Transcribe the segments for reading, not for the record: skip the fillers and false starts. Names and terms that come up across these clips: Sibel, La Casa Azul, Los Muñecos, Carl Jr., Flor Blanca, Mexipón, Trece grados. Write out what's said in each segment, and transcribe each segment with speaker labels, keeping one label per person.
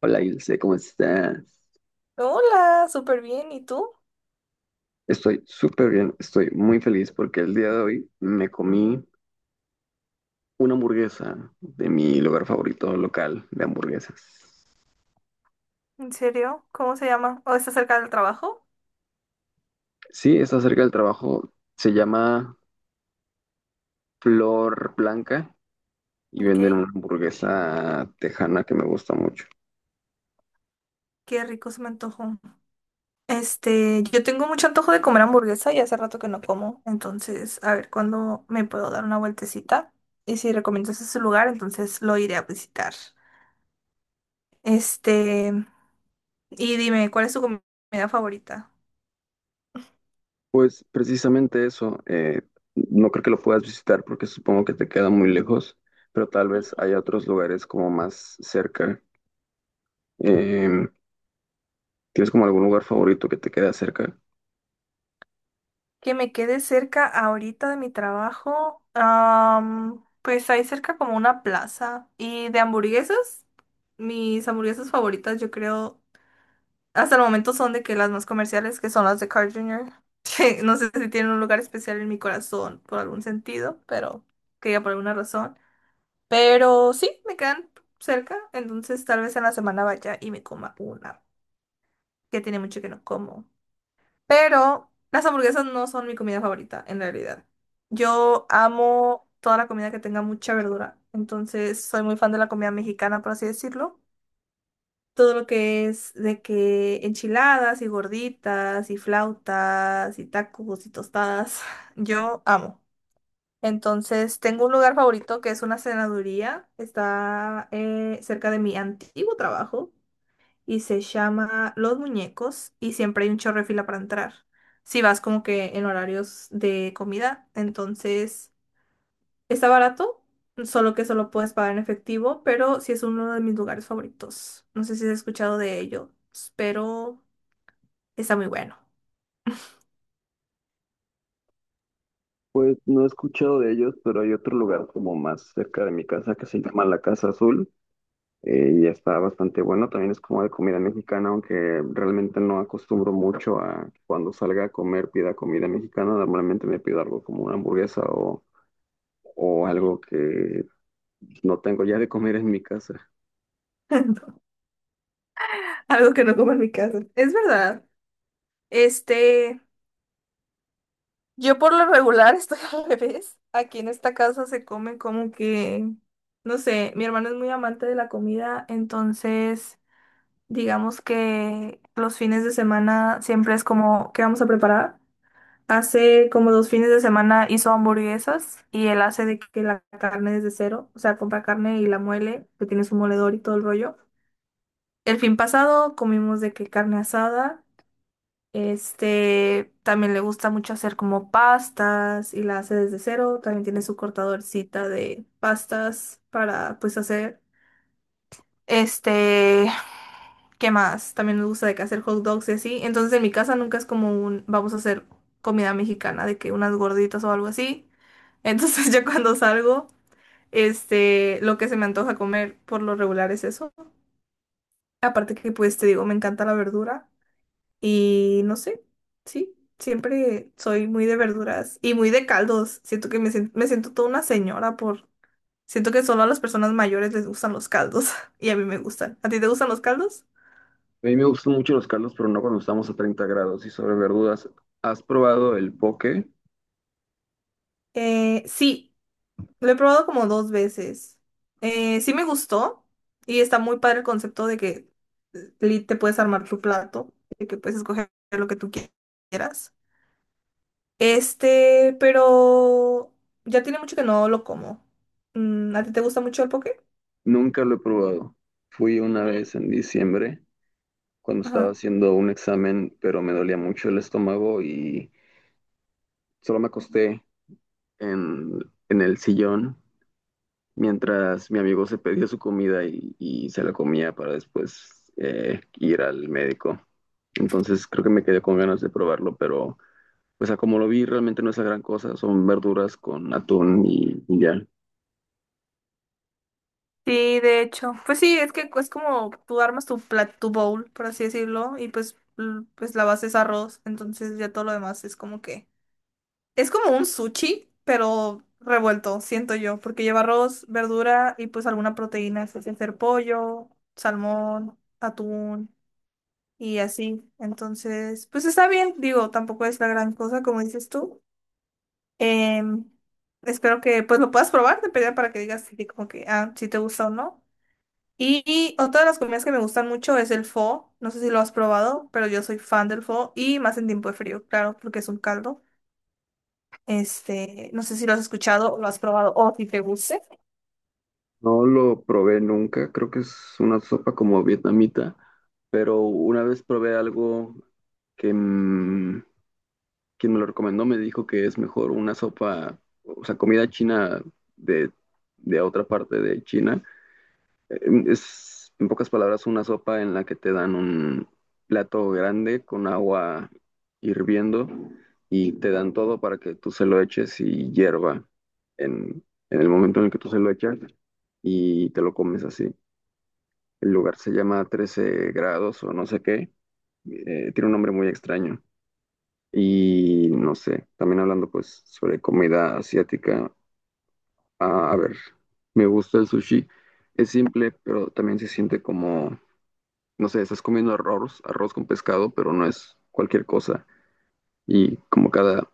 Speaker 1: Hola, Ilse, ¿cómo estás?
Speaker 2: Hola, súper bien. ¿Y tú?
Speaker 1: Estoy súper bien, estoy muy feliz porque el día de hoy me comí una hamburguesa de mi lugar favorito local de hamburguesas.
Speaker 2: ¿En serio? ¿Cómo se llama? ¿O está cerca del trabajo?
Speaker 1: Sí, está cerca del trabajo, se llama Flor Blanca y
Speaker 2: Ok,
Speaker 1: venden una hamburguesa tejana que me gusta mucho.
Speaker 2: qué rico se me antojó. Este, yo tengo mucho antojo de comer hamburguesa y hace rato que no como. Entonces, a ver cuándo me puedo dar una vueltecita. Y si recomiendas ese lugar, entonces lo iré a visitar. Este, y dime, ¿cuál es tu comida favorita?
Speaker 1: Pues precisamente eso, no creo que lo puedas visitar porque supongo que te queda muy lejos, pero tal vez hay otros lugares como más cerca. Em, ¿Tienes como algún lugar favorito que te quede cerca?
Speaker 2: Que me quede cerca ahorita de mi trabajo. Pues hay cerca como una plaza. Y de hamburguesas, mis hamburguesas favoritas, yo creo, hasta el momento son de que las más comerciales, que son las de Carl Jr. No sé si tienen un lugar especial en mi corazón por algún sentido, pero que ya por alguna razón. Pero sí, me quedan cerca. Entonces tal vez en la semana vaya y me coma una, que tiene mucho que no como. Pero las hamburguesas no son mi comida favorita, en realidad. Yo amo toda la comida que tenga mucha verdura. Entonces, soy muy fan de la comida mexicana, por así decirlo. Todo lo que es de que enchiladas y gorditas y flautas y tacos y tostadas, yo amo. Entonces, tengo un lugar favorito que es una cenaduría. Está cerca de mi antiguo trabajo y se llama Los Muñecos y siempre hay un chorro de fila para entrar. Si vas como que en horarios de comida, entonces está barato, solo que solo puedes pagar en efectivo, pero sí es uno de mis lugares favoritos. No sé si has escuchado de ellos, pero está muy bueno.
Speaker 1: Pues no he escuchado de ellos, pero hay otro lugar como más cerca de mi casa que se llama La Casa Azul, y está bastante bueno. También es como de comida mexicana, aunque realmente no acostumbro mucho a cuando salga a comer pida comida mexicana. Normalmente me pido algo como una hamburguesa o algo que no tengo ya de comer en mi casa.
Speaker 2: Algo que no como en mi casa. Es verdad. Este, yo por lo regular estoy al revés. Aquí en esta casa se comen como que, no sé, mi hermano es muy amante de la comida, entonces digamos que los fines de semana siempre es como, ¿qué vamos a preparar? Hace como dos fines de semana hizo hamburguesas y él hace de que la carne desde cero, o sea, compra carne y la muele, que tiene su moledor y todo el rollo. El fin pasado comimos de que carne asada, este, también le gusta mucho hacer como pastas y la hace desde cero, también tiene su cortadorcita de pastas para pues hacer. Este, ¿qué más? También me gusta de que hacer hot dogs y así. Entonces en mi casa nunca es como un, vamos a hacer comida mexicana, de que unas gorditas o algo así. Entonces yo cuando salgo, este, lo que se me antoja comer por lo regular es eso. Aparte que pues te digo, me encanta la verdura y no sé, sí, siempre soy muy de verduras y muy de caldos. Siento que me siento toda una señora por... Siento que solo a las personas mayores les gustan los caldos y a mí me gustan. ¿A ti te gustan los caldos?
Speaker 1: A mí me gustan mucho los caldos, pero no cuando estamos a 30 grados. Y sobre verduras, ¿has probado el poke?
Speaker 2: Sí, lo he probado como dos veces. Sí me gustó y está muy padre el concepto de que te puedes armar tu plato, de que puedes escoger lo que tú quieras. Este, pero ya tiene mucho que no lo como. ¿A ti te gusta mucho el poke?
Speaker 1: Nunca lo he probado. Fui una vez en diciembre cuando estaba
Speaker 2: Ajá.
Speaker 1: haciendo un examen, pero me dolía mucho el estómago y solo me acosté en, en el sillón mientras mi amigo se pedía su comida y se la comía para después ir al médico. Entonces creo que me quedé con ganas de probarlo, pero pues a como lo vi realmente no es la gran cosa, son verduras con atún y ya.
Speaker 2: Sí, de hecho. Pues sí, es que es como tú armas tu tu bowl, por así decirlo, y pues, pues la base es arroz, entonces ya todo lo demás es como que es como un sushi, pero revuelto, siento yo, porque lleva arroz, verdura y pues alguna proteína, es hacer pollo, salmón, atún y así. Entonces, pues está bien, digo, tampoco es la gran cosa, como dices tú. Em, Espero que pues lo puedas probar, de pedida para que digas si, como que, ah, si te gusta o no. Y otra de las comidas que me gustan mucho es el pho. No sé si lo has probado, pero yo soy fan del pho y más en tiempo de frío, claro, porque es un caldo. Este, no sé si lo has escuchado o lo has probado o si te guste.
Speaker 1: No lo probé nunca, creo que es una sopa como vietnamita, pero una vez probé algo que quien me lo recomendó me dijo que es mejor una sopa, o sea, comida china de, de otra parte de China. Eh, Es, en pocas palabras, una sopa en la que te dan un plato grande con agua hirviendo y te dan todo para que tú se lo eches y hierva en, en el momento en el que tú se lo echas y te lo comes así. El lugar se llama Trece grados o no sé qué. Tiene un nombre muy extraño. Y no sé, también hablando pues sobre comida asiática, a ver, me gusta el sushi, es simple, pero también se siente como, no sé, estás comiendo arroz, arroz con pescado, pero no es cualquier cosa. Y como cada,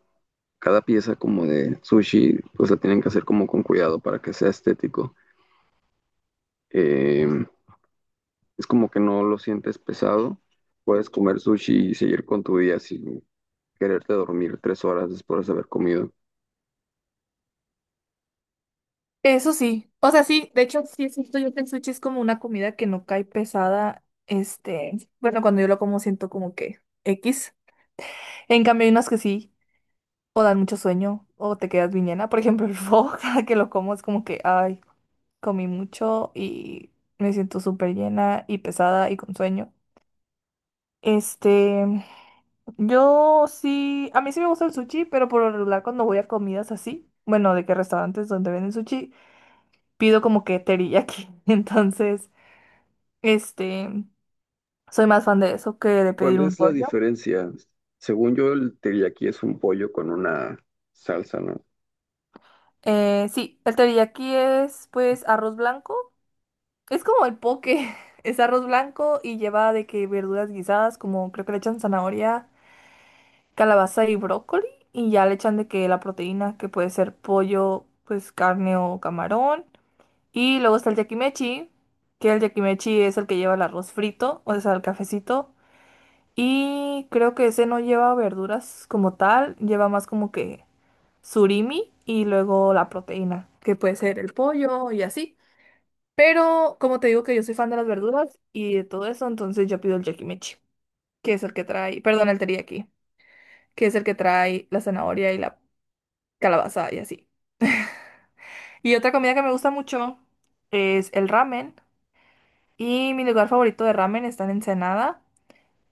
Speaker 1: cada pieza como de sushi, pues la tienen que hacer como con cuidado para que sea estético. Eh, es como que no lo sientes pesado, puedes comer sushi y seguir con tu día sin quererte dormir 3 horas después de haber comido.
Speaker 2: Eso sí, o sea, sí, de hecho, sí es cierto, yo que el sushi es como una comida que no cae pesada, este, bueno, cuando yo lo como siento como que X, en cambio hay unas que sí, o dan mucho sueño, o te quedas bien llena, por ejemplo, el pho, cada que lo como es como que, ay, comí mucho y me siento súper llena y pesada y con sueño, este, yo sí, a mí sí me gusta el sushi, pero por lo regular cuando voy a comidas así, bueno, de que restaurantes donde venden sushi, pido como que teriyaki. Entonces, este, soy más fan de eso que de
Speaker 1: ¿Cuál
Speaker 2: pedir un
Speaker 1: es la
Speaker 2: rollo.
Speaker 1: diferencia? Según yo, el teriyaki es un pollo con una salsa, ¿no?
Speaker 2: Sí, el teriyaki es pues arroz blanco. Es como el poke, es arroz blanco y lleva de que verduras guisadas, como creo que le echan zanahoria, calabaza y brócoli, y ya le echan de que la proteína, que puede ser pollo, pues carne o camarón. Y luego está el yakimechi, que el yakimechi es el que lleva el arroz frito, o sea, el cafecito. Y creo que ese no lleva verduras como tal, lleva más como que surimi y luego la proteína, que puede ser el pollo y así. Pero como te digo que yo soy fan de las verduras y de todo eso, entonces yo pido el yakimechi, que es el que trae, perdón, el teriyaki, que es el que trae la zanahoria y la calabaza y así. Y otra comida que me gusta mucho es el ramen. Y mi lugar favorito de ramen está en Ensenada,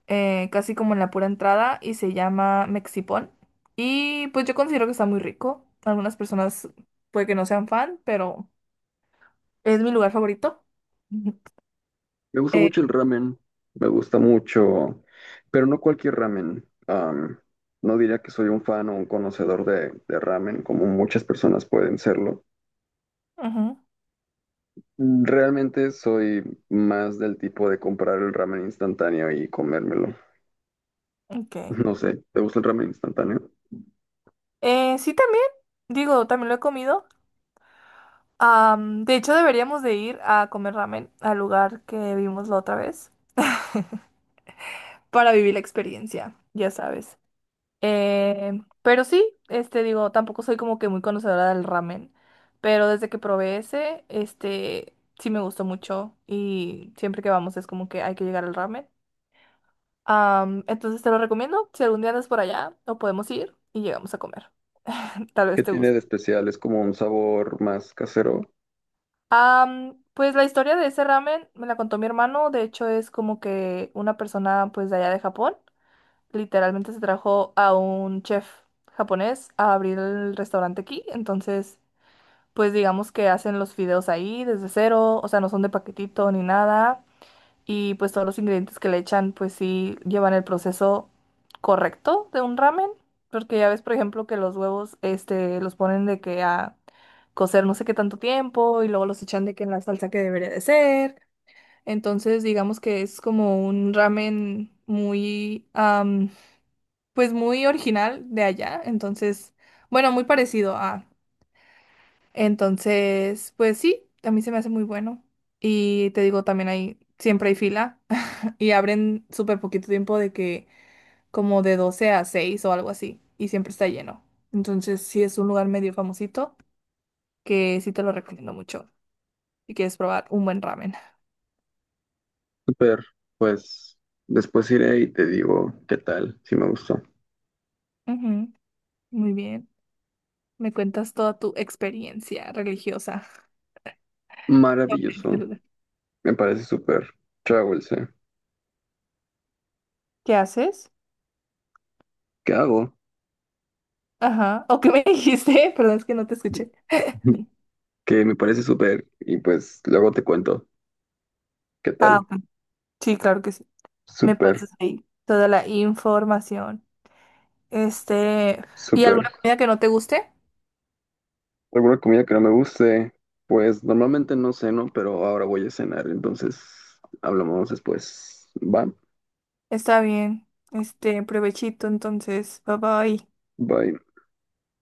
Speaker 2: casi como en la pura entrada, y se llama Mexipón. Y pues yo considero que está muy rico. Algunas personas puede que no sean fan, pero es mi lugar favorito.
Speaker 1: Me gusta
Speaker 2: Eh,
Speaker 1: mucho el ramen, me gusta mucho, pero no cualquier ramen. No diría que soy un fan o un conocedor de ramen, como muchas personas pueden serlo.
Speaker 2: Ujú,
Speaker 1: Realmente soy más del tipo de comprar el ramen instantáneo y comérmelo.
Speaker 2: ok.
Speaker 1: No sé, ¿te gusta el ramen instantáneo?
Speaker 2: Sí, también, digo, también lo he comido. De hecho, deberíamos de ir a comer ramen al lugar que vimos la otra vez para vivir la experiencia, ya sabes. Pero sí, este, digo, tampoco soy como que muy conocedora del ramen, pero desde que probé ese, este, sí me gustó mucho y siempre que vamos es como que hay que llegar al ramen. Entonces te lo recomiendo, si algún día andas por allá, o podemos ir y llegamos a comer. Tal
Speaker 1: ¿Qué
Speaker 2: vez te
Speaker 1: tiene
Speaker 2: guste.
Speaker 1: de especial? ¿Es como un sabor más casero?
Speaker 2: Pues la historia de ese ramen me la contó mi hermano, de hecho es como que una persona pues de allá de Japón, literalmente se trajo a un chef japonés a abrir el restaurante aquí, entonces... pues digamos que hacen los fideos ahí desde cero, o sea, no son de paquetito ni nada, y pues todos los ingredientes que le echan, pues sí llevan el proceso correcto de un ramen, porque ya ves, por ejemplo, que los huevos, este, los ponen de que a cocer no sé qué tanto tiempo y luego los echan de que en la salsa que debería de ser. Entonces, digamos que es como un ramen muy, pues muy original de allá, entonces, bueno, muy parecido a... Entonces, pues sí, a mí se me hace muy bueno. Y te digo, también siempre hay fila y abren súper poquito tiempo de que como de 12 a 6 o algo así y siempre está lleno. Entonces, sí es un lugar medio famosito que sí te lo recomiendo mucho si quieres probar un buen ramen.
Speaker 1: Super, pues después iré y te digo qué tal, si me gustó.
Speaker 2: Ujú, muy bien. Me cuentas toda tu experiencia religiosa. Sobre este
Speaker 1: Maravilloso,
Speaker 2: lugar.
Speaker 1: me parece súper. Chao, Ilse.
Speaker 2: ¿Qué haces?
Speaker 1: ¿Qué hago?
Speaker 2: Ajá. ¿O qué me dijiste? Perdón, es que no te escuché.
Speaker 1: Que me parece súper y pues luego te cuento qué
Speaker 2: Ah,
Speaker 1: tal.
Speaker 2: ok. Sí, claro que sí. Me
Speaker 1: Súper,
Speaker 2: pasas ahí toda la información. Este, ¿y
Speaker 1: súper.
Speaker 2: alguna comida que no te guste?
Speaker 1: ¿Alguna comida que no me guste? Pues normalmente no ceno, pero ahora voy a cenar, entonces hablamos después. Va,
Speaker 2: Está bien. Este, provechito, entonces. Bye bye.
Speaker 1: bye.